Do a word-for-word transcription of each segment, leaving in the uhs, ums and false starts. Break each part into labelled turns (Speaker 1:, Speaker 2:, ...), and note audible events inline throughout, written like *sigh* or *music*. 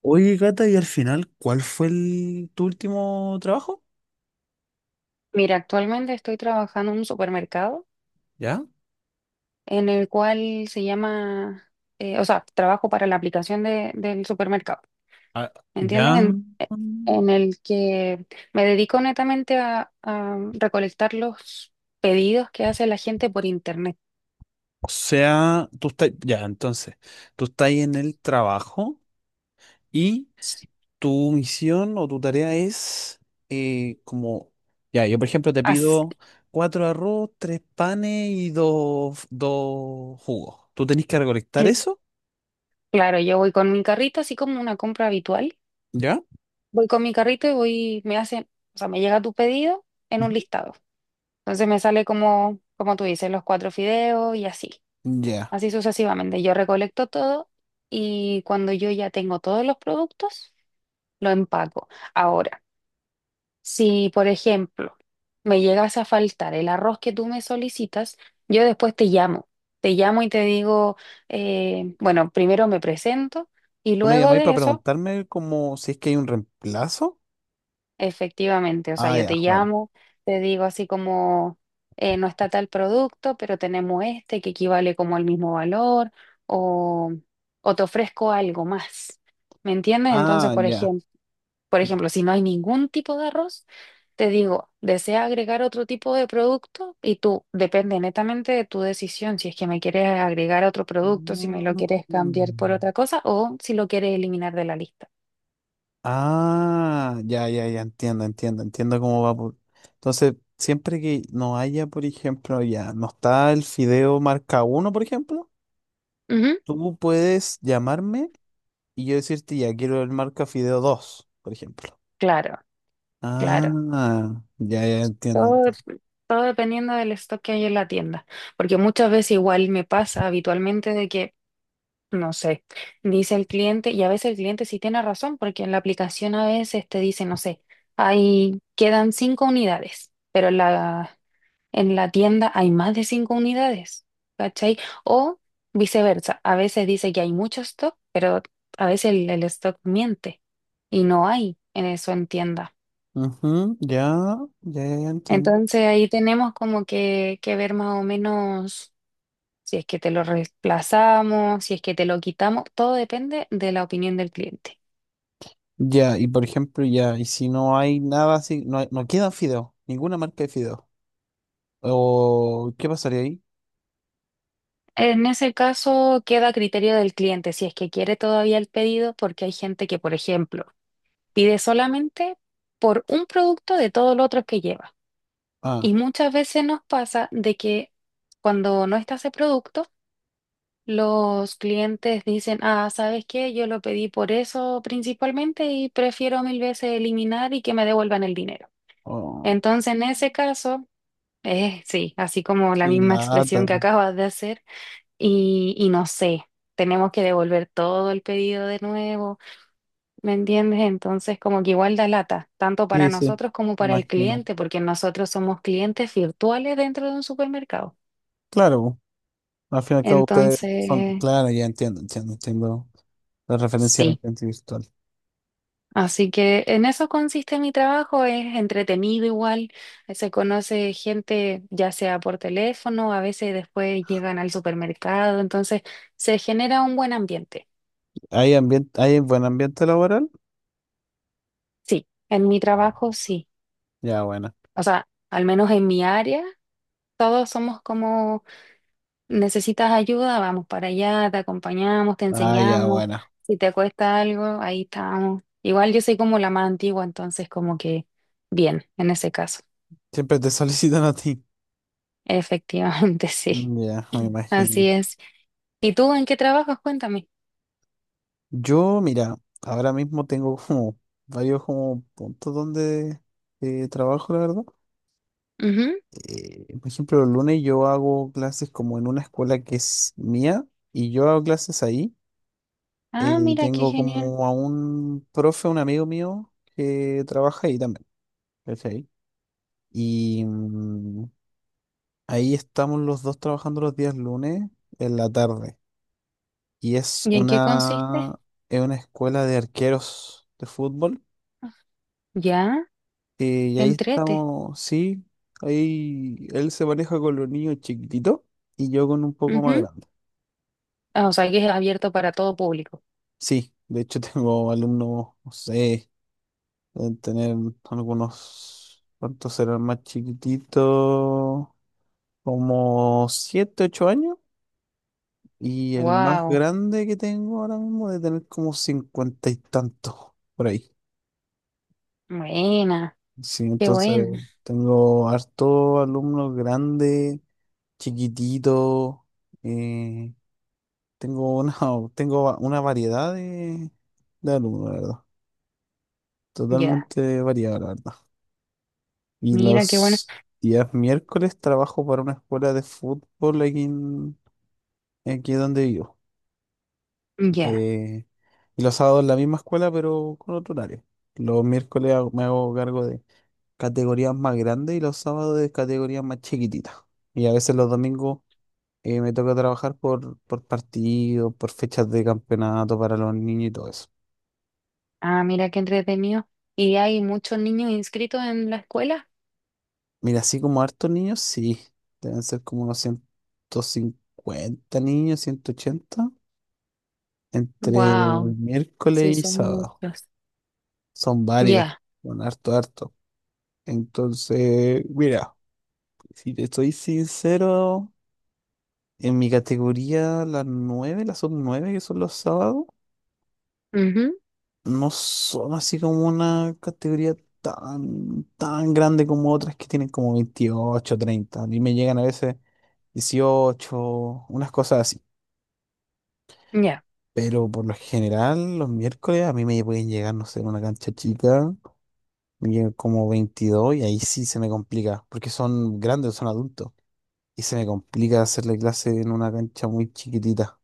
Speaker 1: Oye, Cata, y al final, ¿cuál fue el, tu último trabajo?
Speaker 2: Mira, actualmente estoy trabajando en un supermercado
Speaker 1: ¿Ya?
Speaker 2: en el cual se llama, eh, o sea, trabajo para la aplicación de- del supermercado,
Speaker 1: Ah,
Speaker 2: ¿entiendes?
Speaker 1: ya.
Speaker 2: En,
Speaker 1: Mm.
Speaker 2: en el que me dedico netamente a, a recolectar los pedidos que hace la gente por internet.
Speaker 1: O sea, tú estás, ya, entonces, tú estás en el trabajo y tu misión o tu tarea es eh, como, ya, yo por ejemplo te
Speaker 2: As-
Speaker 1: pido cuatro arroz, tres panes y dos, dos jugos. Tú tenés que recolectar
Speaker 2: eh,
Speaker 1: eso,
Speaker 2: claro, yo voy con mi carrito, así como una compra habitual.
Speaker 1: ¿ya?
Speaker 2: Voy con mi carrito y voy, me hacen, o sea, me llega tu pedido en un
Speaker 1: Ujú.
Speaker 2: listado. Entonces me sale como, como tú dices, los cuatro fideos y así.
Speaker 1: Ya.
Speaker 2: Así sucesivamente. Yo recolecto todo y cuando yo ya tengo todos los productos, lo empaco. Ahora, si por ejemplo me llegas a faltar el arroz que tú me solicitas, yo después te llamo. Te llamo y te digo, eh, bueno, primero me presento y
Speaker 1: ¿Tú me
Speaker 2: luego
Speaker 1: llamáis
Speaker 2: de
Speaker 1: para
Speaker 2: eso.
Speaker 1: preguntarme como si es que hay un reemplazo?
Speaker 2: Efectivamente, o sea,
Speaker 1: Ah,
Speaker 2: yo
Speaker 1: ya,
Speaker 2: te
Speaker 1: bueno.
Speaker 2: llamo, te digo así como eh, no está tal producto, pero tenemos este que equivale como al mismo valor o, o te ofrezco algo más. ¿Me entiendes? Entonces,
Speaker 1: Ah,
Speaker 2: por
Speaker 1: ya.
Speaker 2: ejemplo, por ejemplo, si no hay ningún tipo de arroz, te digo, ¿desea agregar otro tipo de producto? Y tú, depende netamente de tu decisión, si es que me quieres agregar otro producto, si me lo
Speaker 1: Mm.
Speaker 2: quieres cambiar por otra cosa o si lo quieres eliminar de la lista.
Speaker 1: Ah, ya, ya, ya, entiendo, entiendo, entiendo cómo va. por- Entonces, siempre que no haya, por ejemplo, ya, no está el fideo marca uno, por ejemplo,
Speaker 2: Ujú,
Speaker 1: tú puedes llamarme y yo decirte, ya, quiero el marca fideo dos, por ejemplo.
Speaker 2: claro, claro.
Speaker 1: Ah, ya, ya, entiendo.
Speaker 2: Todo,
Speaker 1: Entiendo.
Speaker 2: dep- todo dependiendo del stock que hay en la tienda, porque muchas veces igual me pasa habitualmente de que, no sé, dice el cliente, y a veces el cliente sí tiene razón, porque en la aplicación a veces te dice, no sé, ahí quedan cinco unidades, pero en la, en la tienda hay más de cinco unidades, ¿cachai? O viceversa, a veces dice que hay mucho stock, pero a veces el, el stock miente y no hay en eso en tienda.
Speaker 1: Ujú, ya, ya, ya, ya, entiendo.
Speaker 2: Entonces ahí tenemos como que, que ver más o menos si es que te lo reemplazamos, si es que te lo quitamos, todo depende de la opinión del cliente.
Speaker 1: Ya, y por ejemplo, ya, y si no hay nada así, no, hay- no queda fideo, ninguna marca de fideo. ¿O qué pasaría ahí?
Speaker 2: En ese caso queda a criterio del cliente si es que quiere todavía el pedido, porque hay gente que, por ejemplo, pide solamente por un producto de todos los otros que lleva.
Speaker 1: Ah.
Speaker 2: Y muchas veces nos pasa de que cuando no está ese producto, los clientes dicen, ah, ¿sabes qué? Yo lo pedí por eso principalmente y prefiero mil veces eliminar y que me devuelvan el dinero.
Speaker 1: Oh,
Speaker 2: Entonces, en ese caso, eh, sí, así como la
Speaker 1: qué
Speaker 2: misma
Speaker 1: lata.
Speaker 2: expresión que acabas de hacer, y, y no sé, tenemos que devolver todo el pedido de nuevo, ¿me entiendes? Entonces, como que igual da lata, tanto para
Speaker 1: Sí, sí,
Speaker 2: nosotros como para el
Speaker 1: imagino.
Speaker 2: cliente, porque nosotros somos clientes virtuales dentro de un supermercado.
Speaker 1: Claro, al fin y al cabo ustedes son,
Speaker 2: Entonces...
Speaker 1: claro, ya entiendo, entiendo, entiendo la referencia al
Speaker 2: Sí,
Speaker 1: ambiente virtual.
Speaker 2: así que en eso consiste mi trabajo, es entretenido igual, eh, se conoce gente ya sea por teléfono, a veces después llegan al supermercado, entonces se genera un buen ambiente.
Speaker 1: ¿Hay ambiente, hay buen ambiente laboral?
Speaker 2: Sí, en mi trabajo sí.
Speaker 1: Ya, buena.
Speaker 2: O sea, al menos en mi área, todos somos como, necesitas ayuda, vamos para allá, te acompañamos, te
Speaker 1: Ah, ya,
Speaker 2: enseñamos,
Speaker 1: buena.
Speaker 2: si te cuesta algo, ahí estamos. Igual yo soy como la más antigua, entonces como que bien, en ese caso.
Speaker 1: Siempre te *laughs* solicitan a ti.
Speaker 2: Efectivamente, *laughs* sí.
Speaker 1: Mm. Ya, me imagino.
Speaker 2: Así es. ¿Y tú en qué trabajas? Cuéntame.
Speaker 1: Yo, mira, ahora mismo tengo como varios como puntos donde eh, trabajo, la verdad.
Speaker 2: Ujú.
Speaker 1: Eh, por ejemplo, el lunes yo hago clases como en una escuela que es mía y yo hago clases ahí. Eh,
Speaker 2: Ah,
Speaker 1: Y
Speaker 2: mira, qué
Speaker 1: tengo
Speaker 2: genial.
Speaker 1: como a un profe, un amigo mío, que trabaja ahí también, ¿cachai? Y mm, ahí estamos los dos trabajando los días lunes en la tarde. Y es
Speaker 2: ¿Y en qué consiste?
Speaker 1: una, es una escuela de arqueros de fútbol.
Speaker 2: Ya,
Speaker 1: eh, y
Speaker 2: qué
Speaker 1: ahí
Speaker 2: entrete.
Speaker 1: estamos, sí, ahí él se maneja con los niños chiquititos y yo con un poco más
Speaker 2: Ujú.
Speaker 1: grande.
Speaker 2: Ah, o sea, que es abierto para todo público.
Speaker 1: Sí, de hecho *laughs* tengo alumnos, no sé. Deben tener algunos, ¿cuántos serán más chiquititos? Como siete ocho años. Y el más
Speaker 2: Wow,
Speaker 1: grande que tengo ahora mismo debe tener como cincuenta y tantos, por ahí.
Speaker 2: buena,
Speaker 1: Sí,
Speaker 2: qué
Speaker 1: entonces
Speaker 2: buena.
Speaker 1: tengo harto alumnos grandes, chiquititos. eh, Tengo una, *laughs* tengo una variedad de, de alumnos, la verdad.
Speaker 2: Ya,
Speaker 1: Totalmente variada, la verdad. Y
Speaker 2: mira, qué buena.
Speaker 1: los días miércoles trabajo para una escuela de fútbol aquí, en- aquí donde vivo.
Speaker 2: Ya,
Speaker 1: Eh, y los sábados en la misma escuela, pero con otro horario. Los miércoles hago- me hago cargo de categorías más grandes y los sábados de categorías más chiquititas. Y a veces los domingos eh, me toca trabajar por, por partido, por fechas de campeonato para los niños y todo eso.
Speaker 2: ah, mira, qué entretenido. ¿Y hay muchos niños inscritos en la escuela?
Speaker 1: Mira, así como hartos niños, sí. Deben ser como unos ciento cincuenta niños, ciento ochenta. Entre
Speaker 2: Wow, sí,
Speaker 1: miércoles y
Speaker 2: son
Speaker 1: sábado.
Speaker 2: muchos.
Speaker 1: Son varios.
Speaker 2: Ya,
Speaker 1: Son harto, harto. Entonces, mira, si te estoy sincero, en mi categoría, las nueve las sub nueve que son los sábados,
Speaker 2: ujú,
Speaker 1: no son así como una categoría tan, tan grande como otras que tienen como veintiocho, treinta. A mí me llegan a veces dieciocho, unas cosas así.
Speaker 2: ya.
Speaker 1: Pero por lo general, los miércoles a mí me pueden llegar, no sé, una cancha chica. Yo como veintidós y ahí sí se me complica, porque son grandes, son adultos. Y se me complica hacerle clase en una cancha muy chiquitita.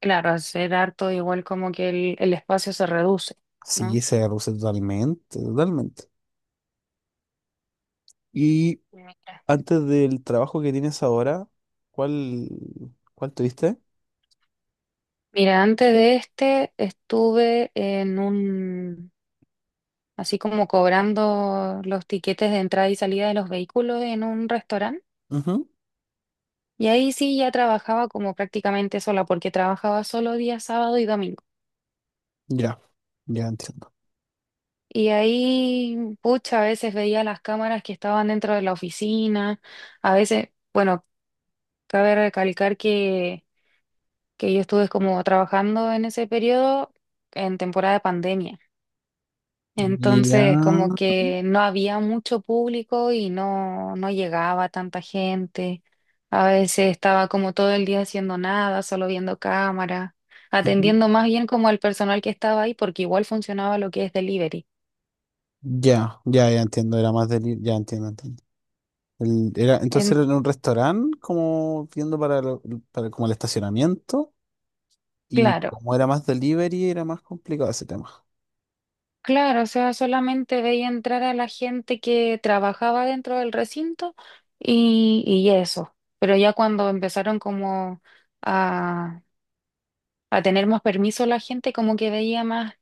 Speaker 2: Claro, hacer harto igual como que el, el espacio se reduce,
Speaker 1: Sí,
Speaker 2: ¿no?
Speaker 1: se reduce totalmente, totalmente. Y
Speaker 2: Mira,
Speaker 1: antes del trabajo que tienes ahora, ¿cuál, cuál tuviste?
Speaker 2: mira, antes de este estuve en un, así como cobrando los tiquetes de entrada y salida de los vehículos en un restaurante.
Speaker 1: Ujú,
Speaker 2: Y ahí sí ya trabajaba como prácticamente sola, porque trabajaba solo día sábado y domingo.
Speaker 1: ya, ya entiendo.
Speaker 2: Y ahí, pucha, a veces veía las cámaras que estaban dentro de la oficina, a veces, bueno, cabe recalcar que que yo estuve como trabajando en ese periodo en temporada de pandemia.
Speaker 1: Ya,
Speaker 2: Entonces, como que no había mucho público y no, no llegaba tanta gente. A veces estaba como todo el día haciendo nada, solo viendo cámara,
Speaker 1: ujú,
Speaker 2: atendiendo más bien como al personal que estaba ahí, porque igual funcionaba lo que es delivery.
Speaker 1: ya, ya, ya entiendo, era más del. Ya entiendo, entiendo. El- era, entonces
Speaker 2: En,
Speaker 1: era en un restaurante, como viendo para, lo- para como el estacionamiento. Y
Speaker 2: claro.
Speaker 1: como era más delivery, era más complicado ese tema.
Speaker 2: Claro, o sea, solamente veía entrar a la gente que trabajaba dentro del recinto y, y eso. Pero ya cuando empezaron como a, a tener más permiso la gente, como que veía más,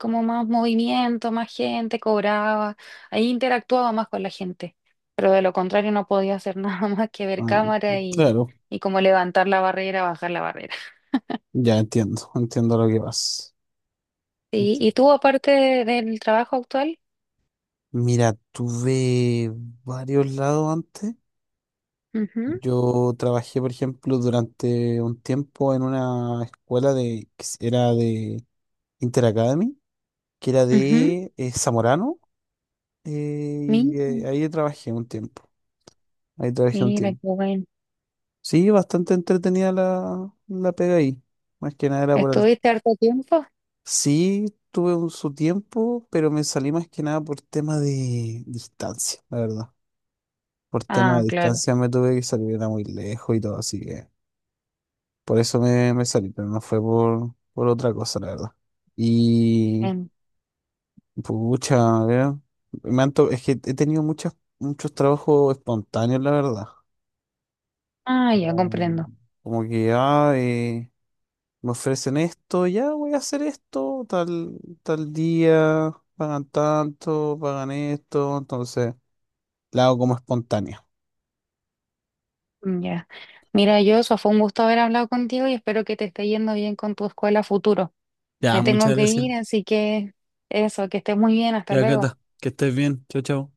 Speaker 2: como más movimiento, más gente, cobraba, ahí interactuaba más con la gente. Pero de lo contrario no podía hacer *laughs* nada más que ver
Speaker 1: Ah,
Speaker 2: cámara y,
Speaker 1: claro,
Speaker 2: y como levantar la barrera, bajar la barrera.
Speaker 1: ya entiendo, entiendo lo que vas.
Speaker 2: Sí.
Speaker 1: Enti-
Speaker 2: ¿y tú, aparte del trabajo actual?
Speaker 1: Mira, tuve varios lados antes.
Speaker 2: Ujú,
Speaker 1: Yo trabajé, por ejemplo, durante un tiempo en una escuela de, que s- era de Interacademy, que era
Speaker 2: ujú,
Speaker 1: de eh, Zamorano, eh,
Speaker 2: mi-
Speaker 1: y eh, ahí trabajé un tiempo. Ahí trabajé un
Speaker 2: mira, qué
Speaker 1: tiempo.
Speaker 2: bueno.
Speaker 1: Sí, bastante entretenida la, la pega ahí. Más que nada era por el.
Speaker 2: ¿Estuviste harto tiempo?
Speaker 1: Sí, tuve un- su tiempo, pero me salí más que nada por tema de distancia, la verdad. Por tema de
Speaker 2: Ah, claro.
Speaker 1: distancia me tuve que salir, era muy lejos y todo, así que por eso me, me salí, pero no fue por, por otra cosa, la verdad. Y,
Speaker 2: Em,
Speaker 1: pucha, a ver, me han to- es que he tenido muchas, muchos trabajos espontáneos, la verdad.
Speaker 2: ah, ya
Speaker 1: Como,
Speaker 2: comprendo.
Speaker 1: como que, ya, me ofrecen esto, ya voy a hacer esto, tal, tal día, pagan tanto, pagan esto, entonces la hago como espontánea.
Speaker 2: Mm, ya. Mira, yo, eso fue un gusto haber hablado contigo y espero que te esté yendo bien con tu escuela futuro.
Speaker 1: Ya,
Speaker 2: Me tengo
Speaker 1: muchas
Speaker 2: que
Speaker 1: gracias.
Speaker 2: ir, así que eso, que estés muy bien. Hasta
Speaker 1: Ya,
Speaker 2: luego.
Speaker 1: Cata, que estés bien. Chao, chao.